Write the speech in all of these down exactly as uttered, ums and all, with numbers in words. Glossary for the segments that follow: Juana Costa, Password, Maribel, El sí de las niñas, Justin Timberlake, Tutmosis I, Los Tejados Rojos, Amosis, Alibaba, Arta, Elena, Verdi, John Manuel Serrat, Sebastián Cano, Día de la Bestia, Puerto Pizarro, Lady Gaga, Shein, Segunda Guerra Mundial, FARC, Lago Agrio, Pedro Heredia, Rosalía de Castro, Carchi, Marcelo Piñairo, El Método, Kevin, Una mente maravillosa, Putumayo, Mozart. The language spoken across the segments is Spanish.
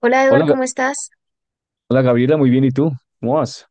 Hola Eduard, Hola, Ga- ¿cómo estás? hola Gabriela, muy bien. ¿Y tú? ¿Cómo vas?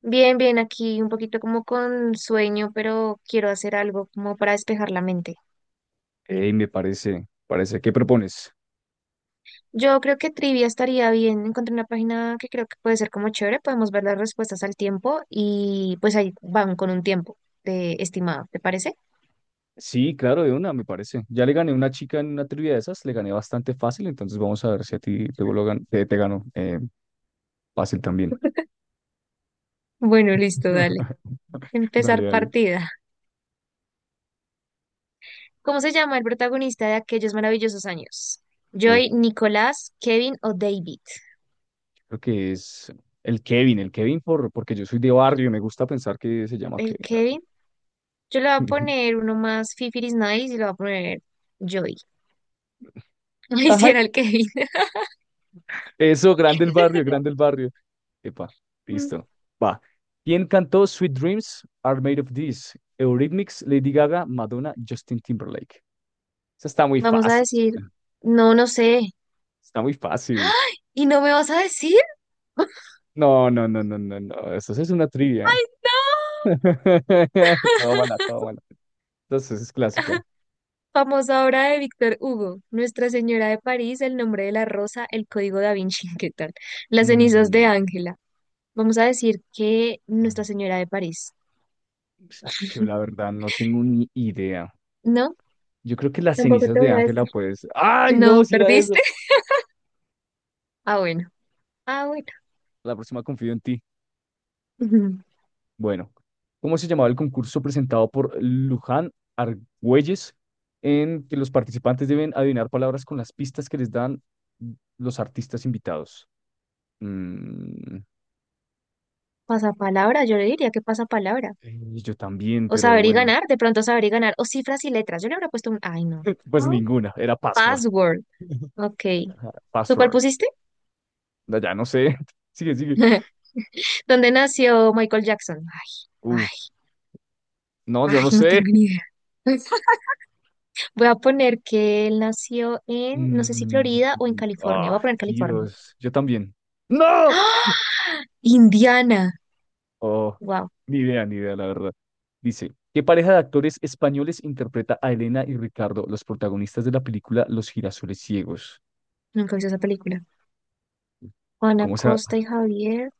Bien, bien, aquí un poquito como con sueño, pero quiero hacer algo como para despejar la mente. Ey, me parece, parece. ¿Qué propones? Yo creo que trivia estaría bien. Encontré una página que creo que puede ser como chévere. Podemos ver las respuestas al tiempo y pues ahí van con un tiempo de estimado, ¿te parece? Sí, claro, de una, me parece. Ya le gané a una chica en una trivia de esas, le gané bastante fácil, entonces vamos a ver si a ti te, vuelvo a gan- te, te gano eh, fácil también. Bueno, listo, dale. Dale, Empezar dale. partida. ¿Cómo se llama el protagonista de aquellos maravillosos años? Oh, ¿Joy, Nicolás, Kevin o David? creo que es el Kevin, el Kevin por, porque yo soy de barrio y me gusta pensar que se llama El Kevin, claro. Kevin. Yo le voy a poner uno más Fifiris Nice y le voy a poner Joy. No me Ajá, hiciera el Kevin. eso, grande el barrio, grande el barrio. Epa, listo. Va. ¿Quién cantó Sweet Dreams Are Made of This? Eurythmics, Lady Gaga, Madonna, Justin Timberlake. Esa está muy Vamos a fácil, decir, chica. no, no sé. Está muy fácil. ¡Ay! ¿Y no me vas a decir? ¡Ay, No, no, no, no, no, no. Eso sí es una trivia. no! Tómala, tómala. Entonces es clásica. Famosa obra de Víctor Hugo, Nuestra Señora de París, El nombre de la rosa, El código da Vinci, ¿qué tal? Las cenizas de Mm, Ángela. Vamos a decir que Nuestra Señora de París. yo la verdad no tengo ni idea. No, Yo creo que las tampoco cenizas te de voy a Ángela, decir. pues. ¡Ay, no! No, Si era eso. ¿perdiste? Ah, bueno. Ah, bueno. La próxima confío en ti. Ujú. Bueno, ¿cómo se llamaba el concurso presentado por Luján Argüelles en que los participantes deben adivinar palabras con las pistas que les dan los artistas invitados? Mm, Pasapalabra, yo le diría que pasapalabra. y yo también, O pero saber y bueno, ganar, de pronto saber y ganar. O cifras y letras. Yo le habría puesto un... Ay, no. pues ninguna, era password. Password. Ok. Ajá, ¿Tú cuál password. pusiste? No, ya no sé. Sigue, sigue. ¿Dónde nació Michael Jackson? Ay, Uh, no, ay, yo ay, no no sé. tengo ni idea. Voy a poner que él nació en, no sé si Mm, Florida o en California. ah, Voy a poner California. Dios. Yo también. ¡No! ¡Ah! Indiana. Oh, Wow, ni idea, ni idea, la verdad. Dice, ¿qué pareja de actores españoles interpreta a Elena y Ricardo, los protagonistas de la película Los girasoles ciegos? nunca he visto esa película. Juana ¿Cómo será? Costa y Javier.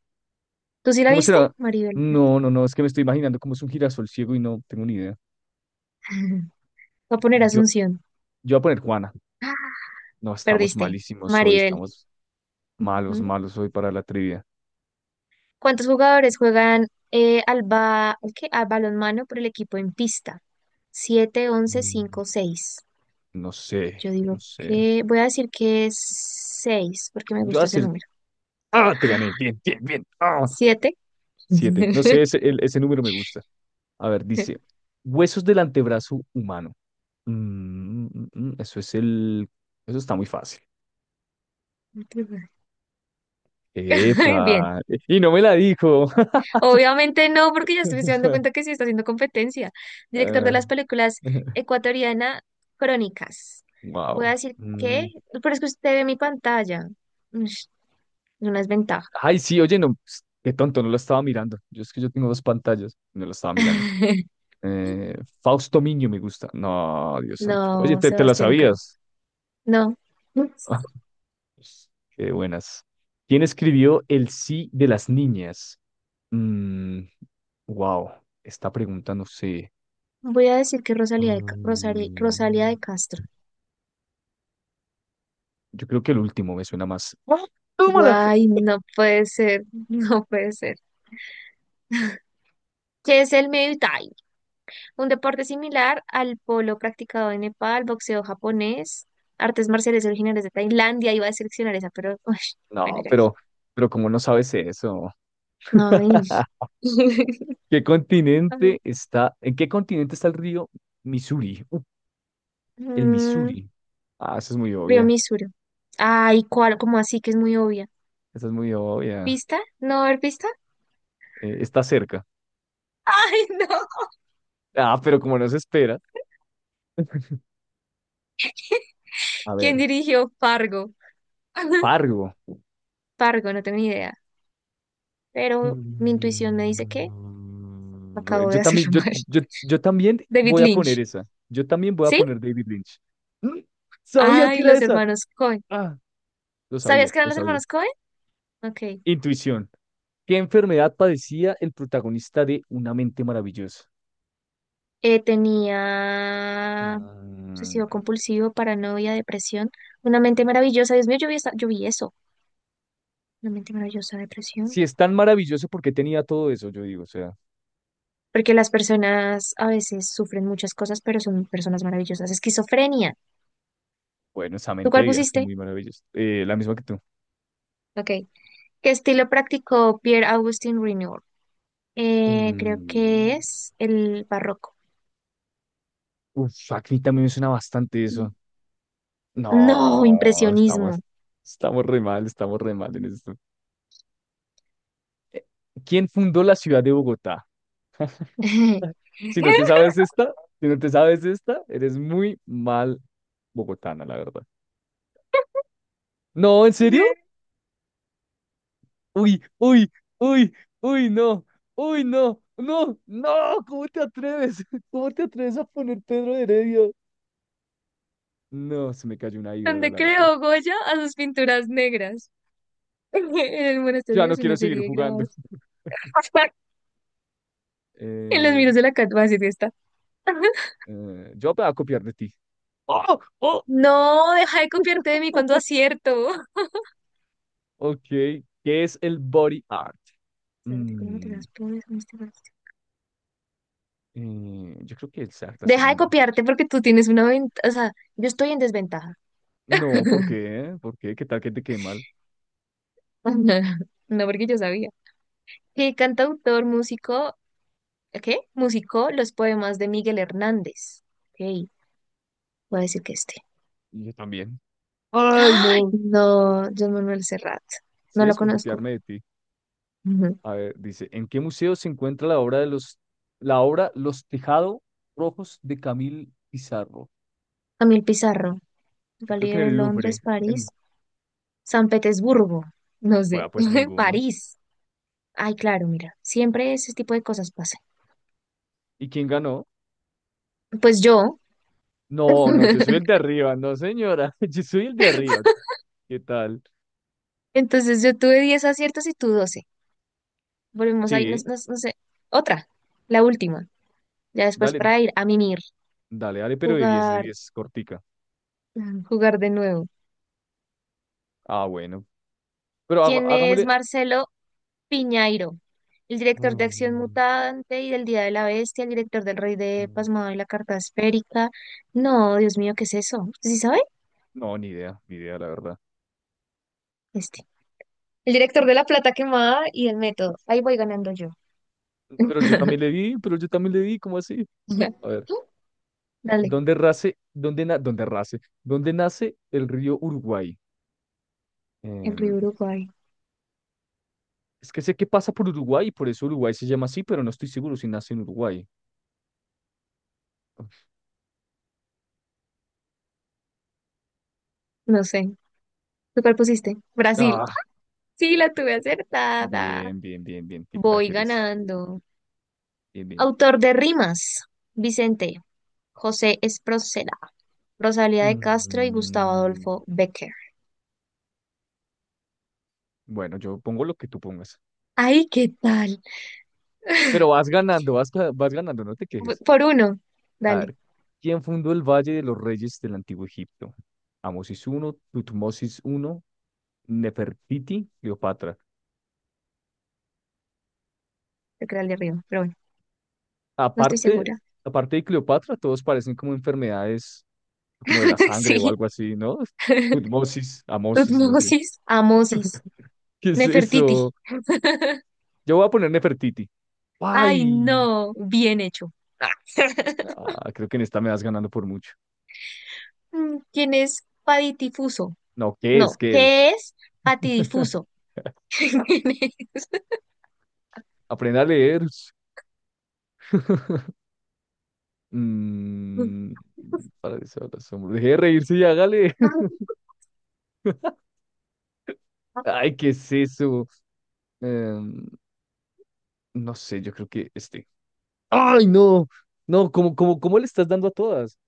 ¿Tú sí la ¿Cómo viste? será? Maribel, ¿verdad? No, no, no, es que me estoy imaginando cómo es un girasol ciego y no tengo ni idea. Voy a poner Yo, Asunción. yo voy a poner Juana. ¡Ah! No, estamos Perdiste. malísimos hoy, Maribel. estamos malos, Ujú. malos hoy para la trivia. ¿Cuántos jugadores juegan eh, al, ba- al qué, al balonmano por el equipo en pista? Siete, once, cinco, Mm, seis. No sé, Yo digo no sé. que voy a decir que es seis porque me Yo voy a gusta ese hacer... número. ¡Ah! Te gané. Bien, bien, bien. ¡Ah! Siete. Siete. No sé, ese, el- ese número me gusta. A ver, dice, huesos del antebrazo humano. Mm, mm, mm, mm, eso es el... Eso está muy fácil. Bien. Epa, y no me la dijo. Obviamente no, porque ya estoy dando cuenta que sí está haciendo competencia. Director de Ah, las películas ecuatoriana Crónicas. Voy a wow. decir que, Mm. pero es que usted ve mi pantalla. Ush, es una desventaja. Ay, sí, oye, no, ps, qué tonto, no lo estaba mirando. Yo es que yo tengo dos pantallas, no lo estaba mirando. Eh, Fausto Miño me gusta. No, Dios santo. Oye, No, te, te la Sebastián Cano. sabías. No. Ah, pues, qué buenas. ¿Quién escribió El sí de las niñas? Mm, Wow, esta pregunta no sé. Voy a decir que Rosalía de, Ca- Rosari- Rosalía de Mm, Castro. yo creo que el último me suena más. ¡Ah! ¡Tómala! Guay, no puede ser, no puede ser. ¿Qué es el Muay Thai? Un deporte similar al polo practicado en Nepal, boxeo japonés, artes marciales originales de Tailandia. Iba a seleccionar esa, pero uy, bueno, No, ya. pero, pero ¿cómo no sabes eso? No, ni- ¿Qué a ver, continente está? ¿En qué continente está el río Missouri? Uh, El mm, Missouri. Ah, esa es muy Río obvia. Misuro. Ay, ¿cuál? ¿Cómo así? Que es muy obvia. Esa es muy obvia. ¿Pista? ¿No va a haber pista? Eh, está cerca. Ay, no. Ah, pero como no se espera. A ¿Quién ver, dirigió Fargo? Fargo. Pargo, no tengo ni idea. Pero mi intuición me dice que Mm, acabo de Yo también, hacerlo yo, mal. yo, yo también David voy a poner Lynch. esa. Yo también voy a ¿Sí? poner David Lynch. ¡Mm! Sabía que Ay, era los esa. hermanos Coen. Ah, lo ¿Sabías sabía, que eran lo los sabía. hermanos Coen? Ok. Intuición. ¿Qué enfermedad padecía el protagonista de Una mente maravillosa? Eh, tenía Mm, obsesivo compulsivo, paranoia, depresión. Una mente maravillosa. Dios mío, yo vi, esa- yo vi eso. Una mente maravillosa, depresión. Si es tan maravilloso, ¿por qué tenía todo eso? Yo digo, o sea, Porque las personas a veces sufren muchas cosas, pero son personas maravillosas. Esquizofrenia. bueno, esa ¿Tú mente cuál debía ser pusiste? muy maravillosa. Eh, la misma que tú. Ok. ¿Qué estilo practicó Pierre-Augustin Renoir? Eh, creo que Mm, es el barroco. Uf, a mí también me suena bastante eso. No, No, estamos, impresionismo. estamos re mal, estamos re mal en esto. Eh, ¿Quién fundó la ciudad de Bogotá? Si no te sabes esta, si no te sabes esta, eres muy mal bogotana, la verdad. No, ¿en serio? Uy, uy, uy, uy, no, uy, no, no, no, ¿cómo te atreves? ¿Cómo te atreves a poner Pedro Heredia? No, se me cayó una ídola, Donde la verdad. creó Goya a sus pinturas negras. En el Ya monasterio no es quiero una seguir serie de jugando. grabados. En los Eh, miros de la Cat Basset está. eh, yo me voy a copiar de ti. Oh, ¡oh! No, deja de copiarte de mí cuando acierto. Ok, ¿qué es el body art? Espérate, ¿cómo te Mm, las pones? ¿Cómo te las- eh, yo creo que es la Deja de segunda. copiarte porque tú tienes una ventaja. O sea, yo estoy en desventaja. No, ¿por qué? ¿Por qué? ¿Qué tal que te quede mal? No, porque yo sabía. ¿Qué cantautor, músico, qué, musicó los poemas de Miguel Hernández? Ok, voy a decir que este. Y yo también. ¡Ay, ¡Ay! no! No, John Manuel Serrat. Sí, No lo es por conozco. copiarme de ti. Ujú. A ver, dice, ¿en qué museo se encuentra la obra de los, la obra Los Tejados Rojos de Camille Pizarro? Camil Pizarro. Yo creo que Galería en de el Londres, Louvre. París. En, San Petersburgo. No sé. Bueno, pues ninguno. París. Ay, claro, mira. Siempre ese tipo de cosas pasan. ¿Y quién ganó? Pues yo. No, no, yo soy el de arriba, no, señora. Yo soy el de arriba. ¿Qué tal? Entonces yo tuve diez aciertos y tú doce. Volvemos ahí, no, Sí, no- no sé. Otra, la última. Ya después dale, para ir a mimir, dale, dale, pero de diez de jugar, diez cortica. jugar de nuevo. Ah, bueno. Pero haga- ¿Quién es hagámosle. Marcelo Piñairo, el director de Acción Mm, Mutante y del Día de la Bestia, el director del Rey de mm, Pasmado y la Carta Esférica? No, Dios mío, ¿qué es eso? ¿Usted sí sabe? no, ni idea, ni idea, la verdad. Este. El director de La Plata Quemada y El Método. Ahí voy ganando yo. Pero yo también le di, pero yo también le di, ¿cómo así? A ver, Dale, ¿dónde nace, dónde na- dónde nace, dónde nace el río Uruguay? en Em, Río Uruguay. es que sé que pasa por Uruguay y por eso Uruguay se llama así, pero no estoy seguro si nace en Uruguay. No sé. ¿Tú cuál pusiste? Brasil. Ah, Sí, la tuve acertada. bien, bien, bien, bien, qué crack Voy eres. ganando. Bien, bien. Autor de rimas. Vicente José Esproceda, Rosalía de Castro y Gustavo Mm, Adolfo Becker. bueno, yo pongo lo que tú pongas. Ay, ¿qué tal? Pero vas ganando, vas, ca- vas ganando, no te quejes. Por uno. A Dale, ver, ¿quién fundó el Valle de los Reyes del Antiguo Egipto? Amosis I, Tutmosis I, Nefertiti, Cleopatra. te queda el de arriba, pero bueno, no estoy Aparte, segura. aparte de Cleopatra, todos parecen como enfermedades como de la sangre o Sí. algo así, ¿no? Tutmosis, Amosis, no sé. Tutmosis, Amosis, ¿Qué es Nefertiti. eso? Yo voy a poner Nefertiti. Ay, ¡Ay! no, bien hecho. Ah, creo que en esta me vas ganando por mucho. Mm, ¿quién es Patidifuso? No, ¿qué es? No, ¿Qué es? ¿qué es patidifuso? ¿Quién es? Aprenda a leer. Mm, para desahogar el asombro. Deje de reírse y hágale. Ay, ¿qué es eso? Em, no sé, yo creo que este. ¡Ay, no! No, ¿cómo, cómo, cómo le estás dando a todas?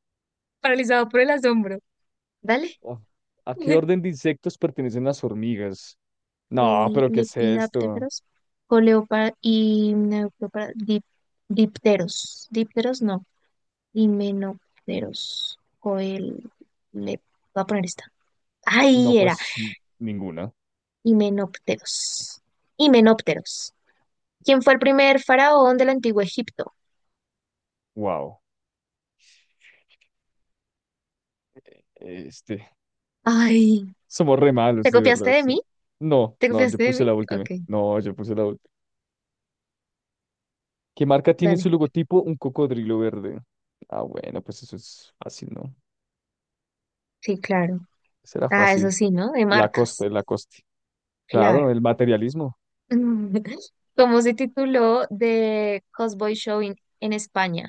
Paralizado por el asombro. Dale. Oh, ¿a qué orden de insectos pertenecen las hormigas? No, le- pero ¿qué es esto? Lepidápteros, coleópar y neoprópara- dip- dipteros, dípteros no, himenópteros, coel, le, voy a poner esta. No, Ahí era, pues n- ninguna. himenópteros, himenópteros. ¿Quién fue el primer faraón del antiguo Egipto? Wow. Este. Ay, Somos re malos, ¿te de copiaste verdad. de mí? No, ¿Te no, yo copiaste de puse mí? la última. Ok, No, yo puse la última. ¿Qué marca tiene en su dale. logotipo? Un cocodrilo verde. Ah, bueno, pues eso es fácil, ¿no? Sí, claro. Será Ah, eso fácil. sí, ¿no? De marcas. Lacoste, Lacoste. Claro. Claro, el materialismo. ¿Cómo se tituló The Cosboy Show in- en España?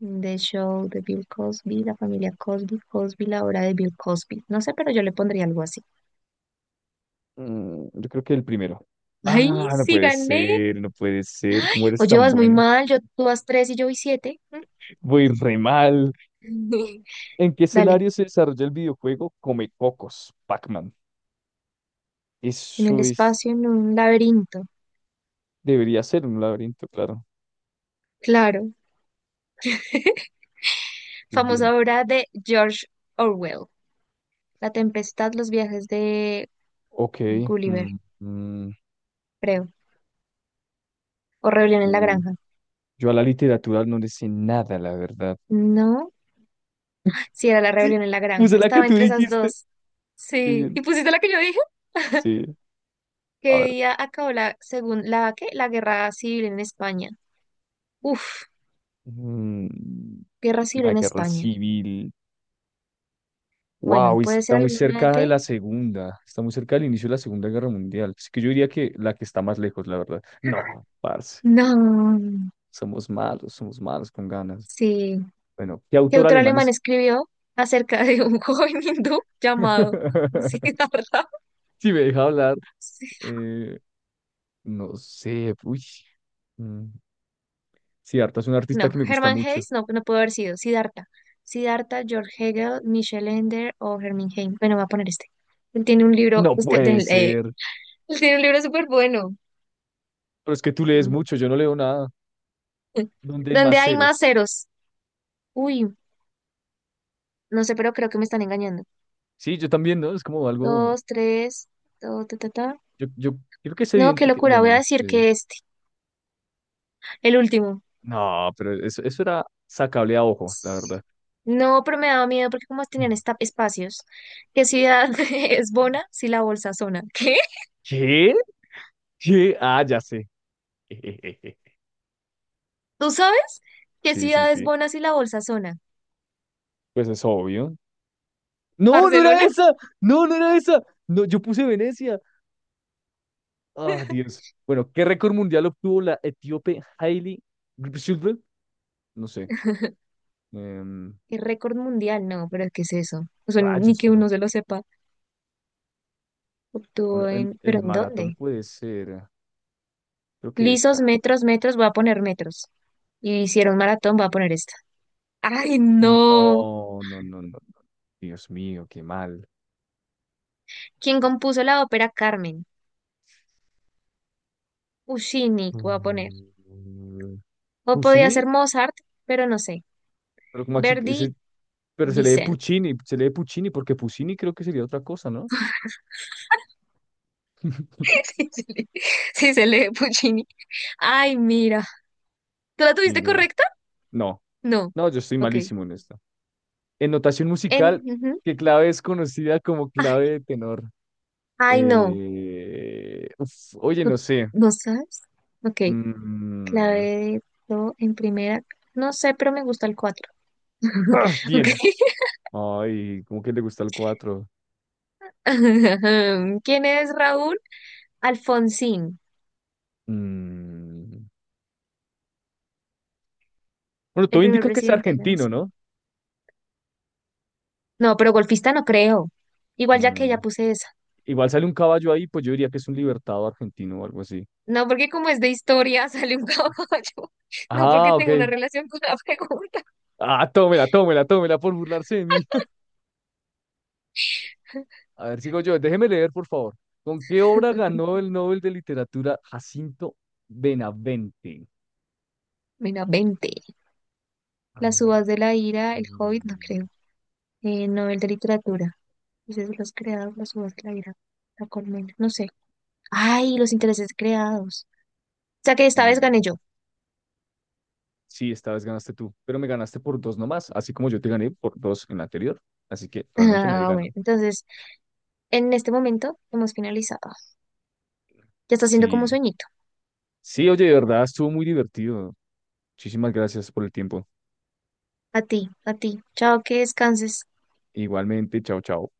The Show de Bill Cosby, La familia Cosby, Cosby, la hora de Bill Cosby. No sé, pero yo le pondría algo así. Mm, yo creo que el primero. ¡Ay, Ah, no sí puede gané! ser, no puede ser. ¿Cómo O eres tan llevas muy bueno? mal, yo, tú vas tres y yo voy siete. Voy re mal. ¿En qué Dale, escenario se desarrolla el videojuego Come Cocos, Pac-Man? en el Eso es, espacio, en un laberinto. debería ser un laberinto, claro. Claro. Bien, bien. Famosa obra de George Orwell. La tempestad, los viajes de Ok. Gulliver, Mm, mm, creo. O Rebelión en la mm. Granja. Yo a la literatura no le sé nada, la verdad. No, sí era la Sí, Rebelión en la puse Granja. la que Estaba tú entre esas dijiste. dos. Qué Sí. bien. ¿Y pusiste la que yo dije? Sí, a ¿Qué ver. día acabó la, según, la, qué, la guerra civil en España? Uf, Mm, guerra civil la en guerra España. civil. Bueno, Wow, puede ser está muy alguna cerca de de... la segunda. Está muy cerca del inicio de la Segunda Guerra Mundial. Así que yo diría que la que está más lejos, la verdad. No, parce. No, Somos malos, somos malos con ganas. sí. Bueno, ¿qué ¿Qué autor autor alemán alemán es? escribió acerca de un joven hindú llamado Siddhartha? Si me deja hablar, Sí. eh, no sé, uy. Mm, sí, Arta es un artista No, que me gusta Hermann mucho. Hesse, no, no pudo haber sido. Siddhartha. Siddhartha, George Hegel, Michel Ender o Hermann Hesse. Bueno, voy a poner este. Él tiene un libro, No usted, puede del- eh, ser. él tiene un libro súper bueno. Pero es que tú lees Mm. mucho, yo no leo nada donde hay ¿Dónde más hay más ceros. ceros? Uy. No sé, pero creo que me están engañando. Sí, yo también, ¿no? Es como algo, Dos, tres, do, ta, ta, ta. yo, yo creo que es No, qué evidente que, locura, bueno, voy a no decir sé. que este, el último. No, pero eso, eso era sacable a ojo, la verdad. No, pero me daba miedo porque como tenían Yeah. esta- espacios. ¿Qué ciudad es Bona si la bolsa zona? ¿Qué? ¿Qué? ¿Qué? Ah, ya sé. ¿Tú sabes? ¿Qué Sí, sí, ciudad es sí. Bona si la bolsa zona? Pues es obvio. No, no era ¿Barcelona? esa. No, no era esa. No, yo puse Venecia. Ah, Dios. Bueno, ¿qué récord mundial obtuvo la etíope Hailey Gebrselassie? No sé. Em, ¿Qué récord mundial? No, pero ¿qué es eso? O sea, ni Rayos, que uno se lo sepa. Bueno, Obtuvo en- en... ¿Pero el en maratón dónde? puede ser, creo que Lisos, esta. metros, metros, voy a poner metros. Y hicieron maratón, voy a poner esta. ¡Ay, no! No, no, no, no, no. Dios mío, qué mal. ¿Quién compuso la ópera Carmen? Puccini, voy a poner. Mm, O podía Puccini, ser Mozart, pero no sé. pero Maxi Verdi, ese- pero se lee Vicente. Puccini, se lee Puccini porque Puccini creo que sería otra cosa, ¿no? Sí, se lee sí se lee Puccini. Ay, mira. ¿Tú la tuviste Ninguna. correcta? No, No. no, yo estoy Ok. malísimo en esto. En notación En, musical, ujú. ¿qué clave es conocida como clave Ay, de tenor? ay, no. Eh, uf, oye, no ¿Tú sé. no sabes? Ok. Clave Mm, de do en primera. No sé, pero me gusta el cuatro. ah, Ok. bien, Ay, ¿cómo que le gusta el cuatro? ¿Quién es Raúl? Alfonsín, Bueno, el todo primer indica que es presidente. argentino, ¿no? No, pero golfista no creo. Igual ya que Mm, ya puse esa. Igual sale un caballo ahí, pues yo diría que es un libertado argentino o algo así. No, porque como es de historia, sale un caballo. No, porque Ah, tengo una ok. relación con la pregunta. Ah, tómela, tómela, tómela por burlarse de mí. A ver, sigo yo. Déjeme leer, por favor. ¿Con qué obra ganó el Nobel de Literatura Jacinto Benavente? Mira, veinte. Las Mm, uvas de la ira, el Hobbit, no creo. Eh, novel de literatura. Dices los creados, las uvas de la ira. La colmena, no sé. Ay, los intereses creados. O sea que esta ni vez idea. gané yo. Sí, esta vez ganaste tú, pero me ganaste por dos nomás, así como yo te gané por dos en la anterior. Así que realmente nadie Ah, ganó. bueno. Entonces, en este momento hemos finalizado. Ya está haciendo como Sí, sueñito. sí, oye, de verdad, estuvo muy divertido. Muchísimas gracias por el tiempo. A ti, a ti. Chao, que descanses. Igualmente, chao, chao.